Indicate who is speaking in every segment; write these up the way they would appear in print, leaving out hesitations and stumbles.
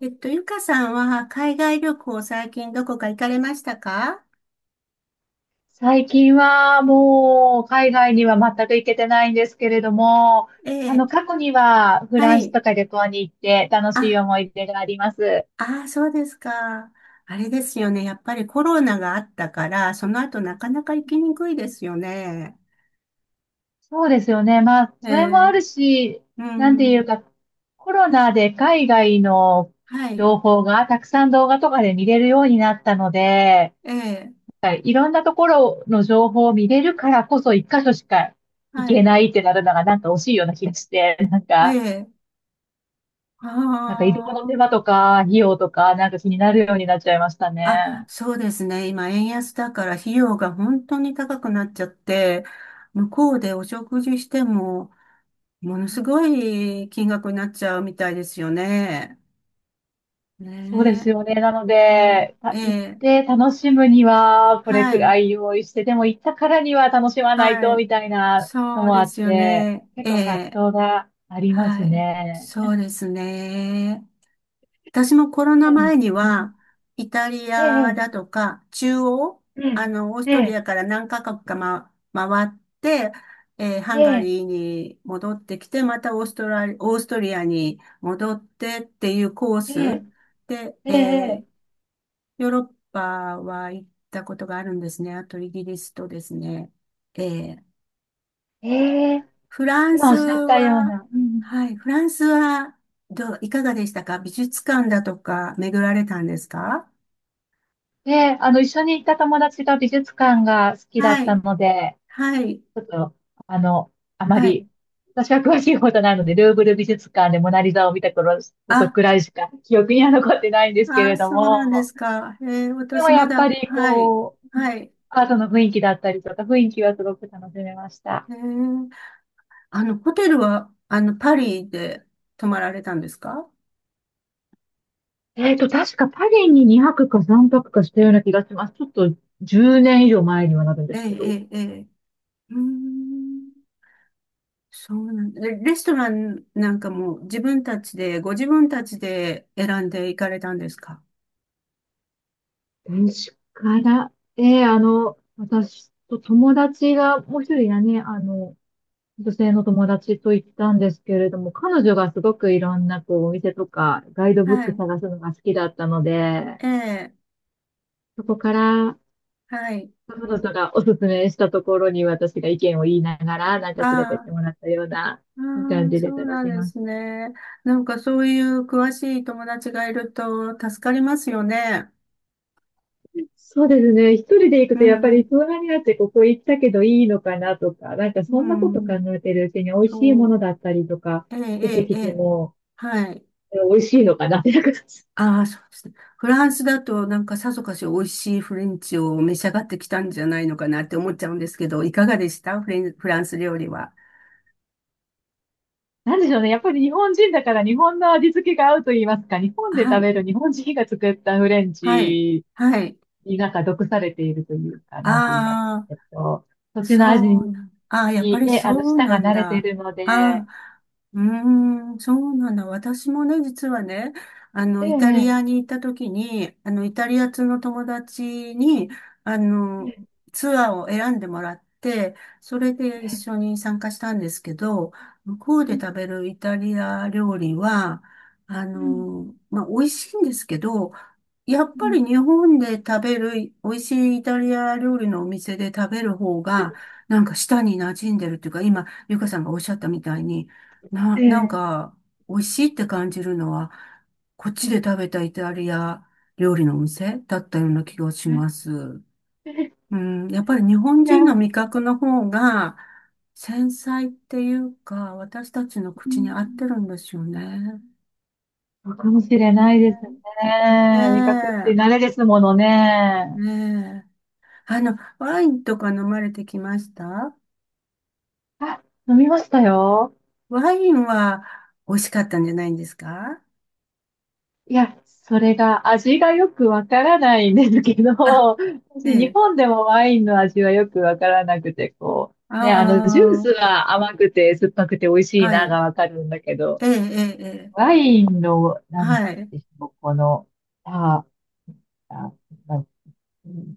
Speaker 1: ゆかさんは海外旅行最近どこか行かれましたか？
Speaker 2: 最近はもう海外には全く行けてないんですけれども、
Speaker 1: え
Speaker 2: あの
Speaker 1: え、
Speaker 2: 過去にはフ
Speaker 1: は
Speaker 2: ランス
Speaker 1: い。
Speaker 2: とか旅行に行って楽しい
Speaker 1: あ、
Speaker 2: 思い出があります。
Speaker 1: ああ、そうですか。あれですよね。やっぱりコロナがあったから、その後なかなか行きにくいですよね。
Speaker 2: そうですよね。まあ、
Speaker 1: え
Speaker 2: それもあ
Speaker 1: え、
Speaker 2: るし、
Speaker 1: う
Speaker 2: なんてい
Speaker 1: ん。
Speaker 2: うか、コロナで海外の
Speaker 1: はい。
Speaker 2: 情報がたくさん動画とかで見れるようになったので、
Speaker 1: ええ、
Speaker 2: はいいろんなところの情報を見れるからこそ一箇所しか行
Speaker 1: は
Speaker 2: け
Speaker 1: い。
Speaker 2: ないってなるのがなんか惜しいような気がして、なん
Speaker 1: え
Speaker 2: か
Speaker 1: え、
Speaker 2: なんか移動の手
Speaker 1: あ
Speaker 2: 間とか、費用とか、なんか気になるようになっちゃいました
Speaker 1: あ。あ、
Speaker 2: ね。
Speaker 1: そうですね。今、円安だから費用が本当に高くなっちゃって、向こうでお食事しても、ものすごい金額になっちゃうみたいですよね。ね
Speaker 2: そうですよね。なの
Speaker 1: え、ね
Speaker 2: で、
Speaker 1: え、え
Speaker 2: 行っ
Speaker 1: え、
Speaker 2: て楽しむには、これ
Speaker 1: は
Speaker 2: く
Speaker 1: い、
Speaker 2: らい用意して、でも行ったからには楽しまない
Speaker 1: は
Speaker 2: と、
Speaker 1: い、
Speaker 2: みたいなの
Speaker 1: そう
Speaker 2: もあ
Speaker 1: で
Speaker 2: っ
Speaker 1: すよ
Speaker 2: て、
Speaker 1: ね。
Speaker 2: 結
Speaker 1: え
Speaker 2: 構葛
Speaker 1: え、
Speaker 2: 藤がありま
Speaker 1: は
Speaker 2: す
Speaker 1: い、
Speaker 2: ね。
Speaker 1: そうですね。私もコロ
Speaker 2: う
Speaker 1: ナ
Speaker 2: ん、
Speaker 1: 前には、イタリア
Speaker 2: え
Speaker 1: だ
Speaker 2: え、
Speaker 1: とか、央、
Speaker 2: うん、
Speaker 1: オース
Speaker 2: え
Speaker 1: トリ
Speaker 2: え、
Speaker 1: アから何カ国か、回って、ハンガ
Speaker 2: え
Speaker 1: リーに戻ってきて、またオーストリアに戻ってっていうコー
Speaker 2: え、え
Speaker 1: スで、
Speaker 2: え、ええ、
Speaker 1: ヨーロッパは行ったことがあるんですね。あとイギリスとですね。えー
Speaker 2: ええ、
Speaker 1: フラン
Speaker 2: 今
Speaker 1: ス
Speaker 2: おっしゃったよう
Speaker 1: は、
Speaker 2: な。うん。
Speaker 1: はい、フランスはどう、いかがでしたか？美術館だとか巡られたんですか？
Speaker 2: で、あの、一緒に行った友達が美術館が好きだっ
Speaker 1: は
Speaker 2: た
Speaker 1: い、
Speaker 2: ので、
Speaker 1: はい、
Speaker 2: ちょっと、あの、あま
Speaker 1: はい。
Speaker 2: り、私は詳しいことなので、ルーブル美術館でモナリザを見た頃ことく
Speaker 1: あ、
Speaker 2: らいしか記憶には残ってないんですけ
Speaker 1: あ、
Speaker 2: れど
Speaker 1: そうなんで
Speaker 2: も、
Speaker 1: すか。
Speaker 2: でも
Speaker 1: 私
Speaker 2: や
Speaker 1: ま
Speaker 2: っ
Speaker 1: だ、
Speaker 2: ぱり
Speaker 1: はい、
Speaker 2: こう、
Speaker 1: はい。
Speaker 2: アートの雰囲気だったりとか、雰囲気はすごく楽しめました。
Speaker 1: えーホテルは、パリで泊まられたんですか？
Speaker 2: 確かパリに2泊か3泊かしたような気がします。ちょっと10年以上前にはなるんで
Speaker 1: ええ、
Speaker 2: すけど。
Speaker 1: ええ、ええ。うーん、そうなんだ。レストランなんかも自分たちで、ご自分たちで選んで行かれたんですか？
Speaker 2: 確かな。私と友達がもう一人がね、あの、女性の友達と行ったんですけれども、彼女がすごくいろんなこうお店とかガイドブッ
Speaker 1: は
Speaker 2: ク
Speaker 1: い。
Speaker 2: 探すのが好きだったので、
Speaker 1: ええ、
Speaker 2: そこから
Speaker 1: はい。
Speaker 2: 彼女がおすすめしたところに私が意見を言いながら、なんか連れてっ
Speaker 1: ああ、
Speaker 2: てもらったような
Speaker 1: あ
Speaker 2: 感
Speaker 1: あ、
Speaker 2: じ
Speaker 1: そ
Speaker 2: で
Speaker 1: う
Speaker 2: 探
Speaker 1: なん
Speaker 2: し
Speaker 1: で
Speaker 2: まし
Speaker 1: す
Speaker 2: た。
Speaker 1: ね。なんかそういう詳しい友達がいると助かりますよね。
Speaker 2: そうですね。一人で行く
Speaker 1: う
Speaker 2: とやっぱ
Speaker 1: ん、
Speaker 2: り相談になってここ行ったけどいいのかなとか、なんか
Speaker 1: う
Speaker 2: そんなこと考
Speaker 1: ん、
Speaker 2: えてるうちに美味しいも
Speaker 1: そ
Speaker 2: の
Speaker 1: う。
Speaker 2: だったりとか
Speaker 1: ええ、
Speaker 2: 出
Speaker 1: え
Speaker 2: て
Speaker 1: え、え
Speaker 2: きて
Speaker 1: え。
Speaker 2: も、
Speaker 1: はい。
Speaker 2: 美味しいのかなってなんか
Speaker 1: ああ、そうですね。フランスだとなんかさぞかし美味しいフレンチを召し上がってきたんじゃないのかなって思っちゃうんですけど、いかがでしたフランス料理は。
Speaker 2: なんでしょうね。やっぱり日本人だから日本の味付けが合うと言いますか、日本で
Speaker 1: は
Speaker 2: 食
Speaker 1: い、
Speaker 2: べる日本人が作ったフレン
Speaker 1: はい、
Speaker 2: チ
Speaker 1: はい。
Speaker 2: になんか毒されているというか、なんて言いますか。
Speaker 1: ああ。
Speaker 2: 土地の味
Speaker 1: そうなん、ああ、やっぱ
Speaker 2: に
Speaker 1: り
Speaker 2: ね、あの、
Speaker 1: そう
Speaker 2: 舌
Speaker 1: な
Speaker 2: が
Speaker 1: ん
Speaker 2: 慣れてい
Speaker 1: だ。
Speaker 2: るので、
Speaker 1: あ
Speaker 2: え
Speaker 1: あ、うーん、そうなんだ。私もね、実はね、イタリ
Speaker 2: え、
Speaker 1: アに行った時に、イタリア通の友達に、あ
Speaker 2: え
Speaker 1: の、
Speaker 2: え、
Speaker 1: ツアーを選んでもらって、それで一緒に参加したんですけど、向こうで食
Speaker 2: う
Speaker 1: べるイタリア料理は、
Speaker 2: ん、
Speaker 1: 美味しいんですけど、やっ
Speaker 2: う
Speaker 1: ぱ
Speaker 2: ん、
Speaker 1: り日本で食べる美味しいイタリア料理のお店で食べる方が、なんか舌に馴染んでるっていうか、今、ゆかさんがおっしゃったみたいに、
Speaker 2: え
Speaker 1: なん
Speaker 2: え、
Speaker 1: か、美味しいって感じるのは、こっちで食べたイタリア料理のお店だったような気がします。うん、やっぱり日
Speaker 2: い
Speaker 1: 本
Speaker 2: や、
Speaker 1: 人の
Speaker 2: う
Speaker 1: 味覚の方が、繊細っていうか、私たちの
Speaker 2: ん、
Speaker 1: 口に合ってるんですよね。
Speaker 2: そうかもしれないです
Speaker 1: ねえ、ね
Speaker 2: ね。味覚っ
Speaker 1: え、
Speaker 2: て慣れですものね。
Speaker 1: ねえ。ワインとか飲まれてきました？
Speaker 2: あ、飲みましたよ。
Speaker 1: ワインは美味しかったんじゃないんですか？
Speaker 2: いや、それが味がよくわからないんですけど、
Speaker 1: あ、え
Speaker 2: 私日
Speaker 1: え。
Speaker 2: 本でもワインの味はよくわからなくて、こう、
Speaker 1: あ
Speaker 2: ね、あの、ジュースは甘くて酸っぱくて美味
Speaker 1: あ、
Speaker 2: しい
Speaker 1: は
Speaker 2: な
Speaker 1: い。
Speaker 2: がわかるんだけど、
Speaker 1: ええ、ええ、ええ、
Speaker 2: ワインの、なん
Speaker 1: はい。
Speaker 2: でしょう、この、あ、あ、な、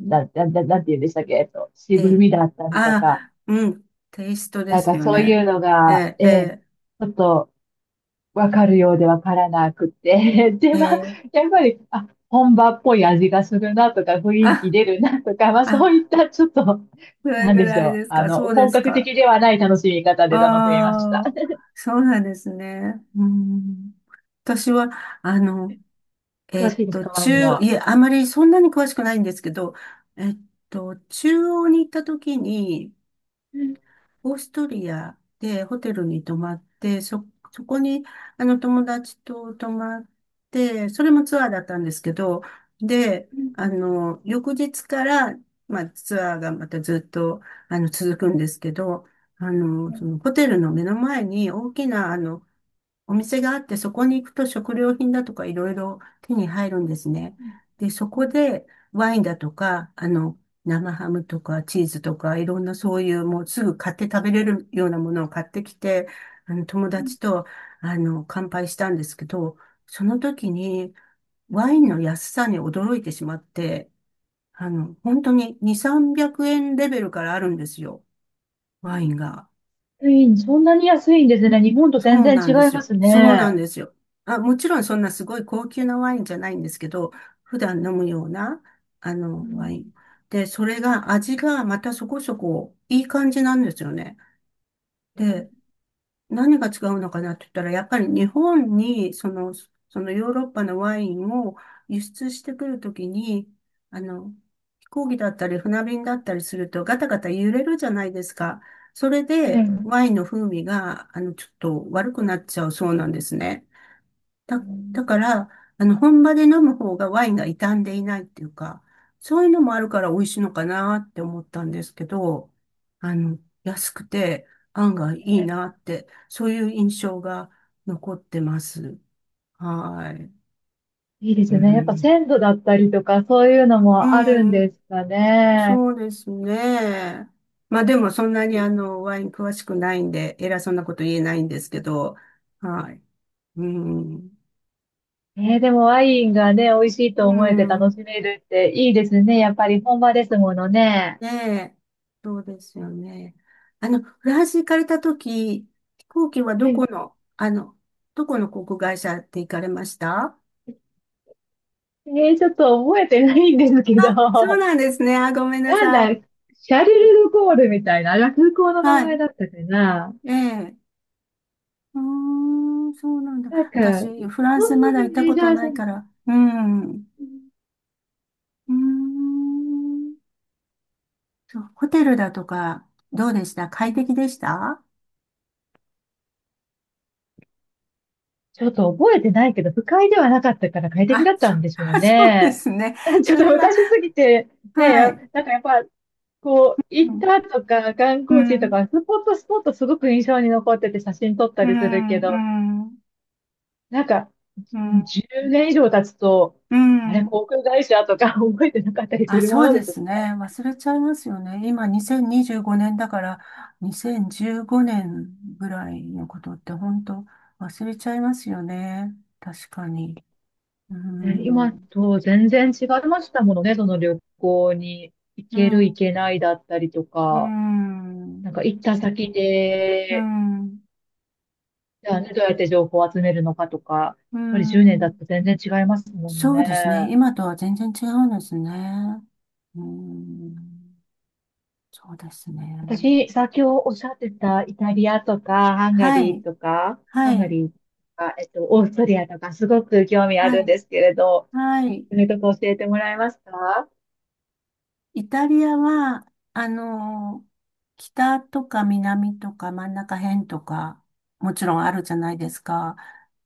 Speaker 2: なんて言うんでしたっけ、
Speaker 1: え
Speaker 2: 渋
Speaker 1: え。
Speaker 2: みだったりとか、
Speaker 1: あ、うん。テイストで
Speaker 2: なん
Speaker 1: す
Speaker 2: か
Speaker 1: よ
Speaker 2: そういう
Speaker 1: ね。
Speaker 2: のが、
Speaker 1: ええ、
Speaker 2: ええ、ち
Speaker 1: え
Speaker 2: ょっと、わかるようでわからなくて。
Speaker 1: え、
Speaker 2: で、
Speaker 1: え
Speaker 2: まあ、
Speaker 1: え。
Speaker 2: やっぱり、あ、本場っぽい味がするなとか、雰囲気
Speaker 1: あ、
Speaker 2: 出るなとか、まあ、そうい
Speaker 1: あ、
Speaker 2: ったちょっと、
Speaker 1: それ
Speaker 2: なん
Speaker 1: ぐ
Speaker 2: でし
Speaker 1: ら
Speaker 2: ょ
Speaker 1: い
Speaker 2: う。
Speaker 1: です
Speaker 2: あ
Speaker 1: か？
Speaker 2: の、
Speaker 1: そうで
Speaker 2: 本
Speaker 1: す
Speaker 2: 格
Speaker 1: か。
Speaker 2: 的ではない楽しみ方で楽しみました。
Speaker 1: ああ、そうなんですね。うん。私は、あの、
Speaker 2: 詳しいですか、ワインは。
Speaker 1: いえ、あまりそんなに詳しくないんですけど、えっ中央に行った時に、オーストリアでホテルに泊まって、そこに、友達と泊まって、それもツアーだったんですけど、で、翌日から、ツアーがまたずっと、続くんですけど、そのホテルの目の前に大きな、お店があって、そこに行くと食料品だとかいろいろ手に入るんですね。で、そこでワインだとか、生ハムとかチーズとか、いろんなそういうもうすぐ買って食べれるようなものを買ってきて、友達と、乾杯したんですけど、その時にワインの安さに驚いてしまって、本当に2、300円レベルからあるんですよ、ワインが。
Speaker 2: ワインそんなに安いんですね。日本と全
Speaker 1: そう
Speaker 2: 然
Speaker 1: な
Speaker 2: 違
Speaker 1: んで
Speaker 2: い
Speaker 1: す
Speaker 2: ま
Speaker 1: よ。
Speaker 2: す
Speaker 1: そうなん
Speaker 2: ね。
Speaker 1: ですよ。あ、もちろんそんなすごい高級なワインじゃないんですけど、普段飲むような、
Speaker 2: う
Speaker 1: ワ
Speaker 2: ん。
Speaker 1: イン。で、それが味がまたそこそこいい感じなんですよね。で、何が違うのかなって言ったら、やっぱり日本に、その、そのヨーロッパのワインを輸出してくるときに、あの、飛行機だったり船便だったりするとガタガタ揺れるじゃないですか。それ
Speaker 2: う
Speaker 1: で
Speaker 2: ん。
Speaker 1: ワインの風味が、ちょっと悪くなっちゃうそうなんですね。だ、だから、本場で飲む方がワインが傷んでいないっていうか、そういうのもあるから美味しいのかなって思ったんですけど、あの、安くて案外いいなって、そういう印象が残ってます。はい。
Speaker 2: いいで
Speaker 1: う
Speaker 2: すね。やっぱ
Speaker 1: ん。
Speaker 2: 鮮度だったりとか、そういうのもあ
Speaker 1: う
Speaker 2: るんで
Speaker 1: ん。
Speaker 2: すかね。
Speaker 1: そうですね。まあでもそんなにワイン詳しくないんで、偉そうなこと言えないんですけど、はい。うん。
Speaker 2: えー、でもワインがね、美味しい
Speaker 1: う
Speaker 2: と思えて楽し
Speaker 1: ん。
Speaker 2: めるっていいですね。やっぱり本場ですものね。
Speaker 1: ねえ、そうですよね。フランス行かれたとき、飛行機はどこの、どこの航空会社で行かれました？
Speaker 2: えー、ちょっと覚えてないんですけど、
Speaker 1: あ、そう
Speaker 2: な
Speaker 1: なんですね。あ、ごめんな
Speaker 2: ん
Speaker 1: さ
Speaker 2: だ、
Speaker 1: い。
Speaker 2: シャルル・ド・ゴールみたいな、あ空港の名
Speaker 1: は
Speaker 2: 前
Speaker 1: い。
Speaker 2: だったかな。
Speaker 1: ええ。うーん、そうなんだ。
Speaker 2: なんか、
Speaker 1: 私、フラン
Speaker 2: そ
Speaker 1: ス
Speaker 2: ん
Speaker 1: ま
Speaker 2: な
Speaker 1: だ行っ
Speaker 2: に
Speaker 1: た
Speaker 2: メ
Speaker 1: こ
Speaker 2: ジ
Speaker 1: と
Speaker 2: ャー
Speaker 1: な
Speaker 2: じゃ
Speaker 1: い
Speaker 2: ん。
Speaker 1: から。うん。う
Speaker 2: えー、
Speaker 1: ーん。そう、ホテルだとか、どうでした？快適でした？
Speaker 2: ちょっと覚えてないけど、不快ではなかったから快適
Speaker 1: あ、
Speaker 2: だったんでしょう
Speaker 1: そうで
Speaker 2: ね。
Speaker 1: すね。
Speaker 2: ちょっ
Speaker 1: そ
Speaker 2: と
Speaker 1: れは、
Speaker 2: 昔すぎて、ね、
Speaker 1: は
Speaker 2: や
Speaker 1: い。
Speaker 2: なんかやっぱこう、
Speaker 1: う
Speaker 2: 行っ
Speaker 1: ん。
Speaker 2: たとか、観
Speaker 1: う
Speaker 2: 光地と
Speaker 1: ん、
Speaker 2: か、スポットすごく印象に残ってて写真撮った
Speaker 1: う
Speaker 2: りするけど、
Speaker 1: ん、うん、
Speaker 2: なんか、
Speaker 1: うん、
Speaker 2: 10年以上経つと、
Speaker 1: う
Speaker 2: あれ、
Speaker 1: ん。
Speaker 2: 航空会社とか 覚えてなかったりす
Speaker 1: あ、
Speaker 2: る
Speaker 1: そ
Speaker 2: もの
Speaker 1: うで
Speaker 2: です
Speaker 1: すね。忘れちゃいますよね。今、2025年だから、2015年ぐらいのことって本当忘れちゃいますよね。確かに。う
Speaker 2: ね。今
Speaker 1: ん、
Speaker 2: と全然違いましたものね、その旅行に行
Speaker 1: う
Speaker 2: ける
Speaker 1: ん、
Speaker 2: 行けないだったりと
Speaker 1: う
Speaker 2: か、なん
Speaker 1: ん、
Speaker 2: か行った先
Speaker 1: う
Speaker 2: で、
Speaker 1: ん、
Speaker 2: じゃあね、どうやって情報を集めるのかとか、やっ
Speaker 1: う
Speaker 2: ぱり10年だ
Speaker 1: ん。
Speaker 2: と全然違いますもの
Speaker 1: そう
Speaker 2: ね。
Speaker 1: ですね。今とは全然違うんですね。うん、そうですね。
Speaker 2: 私、先ほどおっしゃってたイタリアとか、ハンガ
Speaker 1: は
Speaker 2: リー
Speaker 1: い、
Speaker 2: とか、ハ
Speaker 1: は
Speaker 2: ンガ
Speaker 1: い、
Speaker 2: リーとか、えっと、オーストリアとか、すごく興味あ
Speaker 1: は
Speaker 2: るん
Speaker 1: い、
Speaker 2: ですけれど、
Speaker 1: はい。
Speaker 2: そすとか教えてもらえますか。
Speaker 1: イタリアは、あの、北とか南とか真ん中辺とか、もちろんあるじゃないですか。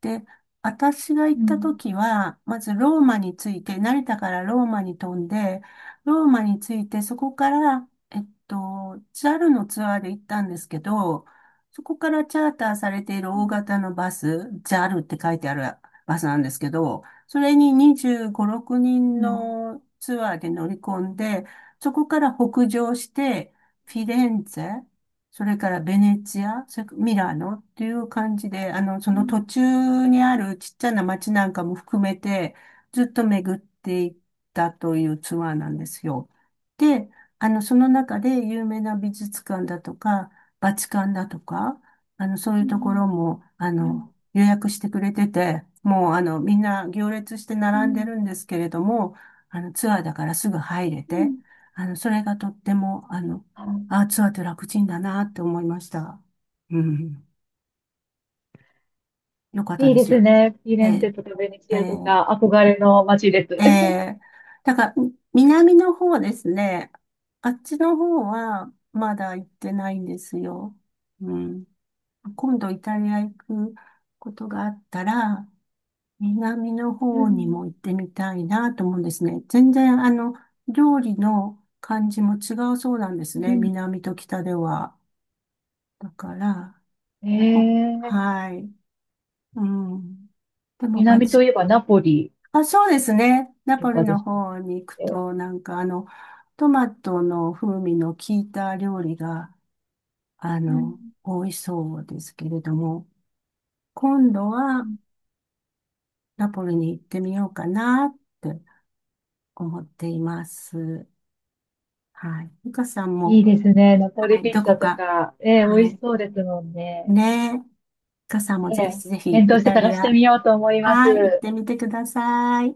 Speaker 1: で、私が行
Speaker 2: う
Speaker 1: った
Speaker 2: ん。
Speaker 1: 時は、まずローマについて、成田からローマに飛んで、ローマについて、そこから、ジャルのツアーで行ったんですけど、そこからチャーターされている
Speaker 2: う
Speaker 1: 大
Speaker 2: ん。
Speaker 1: 型のバス、ジャルって書いてあるバスなんですけど、それに25、6
Speaker 2: う
Speaker 1: 人
Speaker 2: ん。
Speaker 1: のツアーで乗り込んで、そこから北上して、フィレンツェ、それからベネチア、それからミラノっていう感じで、そ
Speaker 2: う
Speaker 1: の
Speaker 2: ん。
Speaker 1: 途中にあるちっちゃな街なんかも含めて、ずっと巡っていったというツアーなんですよ。で、その中で有名な美術館だとか、バチカンだとか、そうい
Speaker 2: う
Speaker 1: うとこ
Speaker 2: ん。
Speaker 1: ろも、
Speaker 2: うん。
Speaker 1: 予約してくれてて、もう、みんな行列して
Speaker 2: う
Speaker 1: 並んで
Speaker 2: ん。
Speaker 1: るんですけれども、ツアーだからすぐ入れ
Speaker 2: う
Speaker 1: て、
Speaker 2: ん。
Speaker 1: それがとっても、
Speaker 2: あ、
Speaker 1: ツアーって楽ちんだなって思いました。うん。よかった
Speaker 2: いい
Speaker 1: で
Speaker 2: で
Speaker 1: す
Speaker 2: す
Speaker 1: よ。
Speaker 2: ね。フィレ
Speaker 1: え
Speaker 2: ンツェ
Speaker 1: ー、
Speaker 2: とかベネチ
Speaker 1: え
Speaker 2: アと
Speaker 1: ー、
Speaker 2: か、憧れの街です。
Speaker 1: えー、だから、南の方ですね。あっちの方は、まだ行ってないんですよ。うん。今度イタリア行くことがあったら、南の
Speaker 2: う
Speaker 1: 方にも
Speaker 2: ん。
Speaker 1: 行ってみたいなと思うんですね。全然、料理の感じも違うそうなんです
Speaker 2: う
Speaker 1: ね。
Speaker 2: ん。
Speaker 1: 南と北では。だから、
Speaker 2: え
Speaker 1: こ、
Speaker 2: ー、
Speaker 1: はい。うん。でも、
Speaker 2: 南といえばナポリ
Speaker 1: あ、そうですね。ナ
Speaker 2: と
Speaker 1: ポリ
Speaker 2: かで
Speaker 1: の
Speaker 2: したっ
Speaker 1: 方に行く
Speaker 2: け。
Speaker 1: と、なんか、トマトの風味の効いた料理が、
Speaker 2: うん。
Speaker 1: 多いそうですけれども、今度はナポリに行ってみようかなって思っています。はい。ゆかさん
Speaker 2: い
Speaker 1: も、
Speaker 2: いですね。ナポ
Speaker 1: は
Speaker 2: リ
Speaker 1: い、
Speaker 2: ピ
Speaker 1: ど
Speaker 2: ッツ
Speaker 1: こ
Speaker 2: ァと
Speaker 1: か、
Speaker 2: か、ええ、美
Speaker 1: は
Speaker 2: 味し
Speaker 1: い。
Speaker 2: そうですもんね。
Speaker 1: ねえ。かさんもぜひ
Speaker 2: ね
Speaker 1: ぜ
Speaker 2: え、
Speaker 1: ひ
Speaker 2: 検
Speaker 1: イ
Speaker 2: 討して
Speaker 1: タ
Speaker 2: 探
Speaker 1: リ
Speaker 2: して
Speaker 1: ア、
Speaker 2: みようと思います。
Speaker 1: はい、行ってみてください。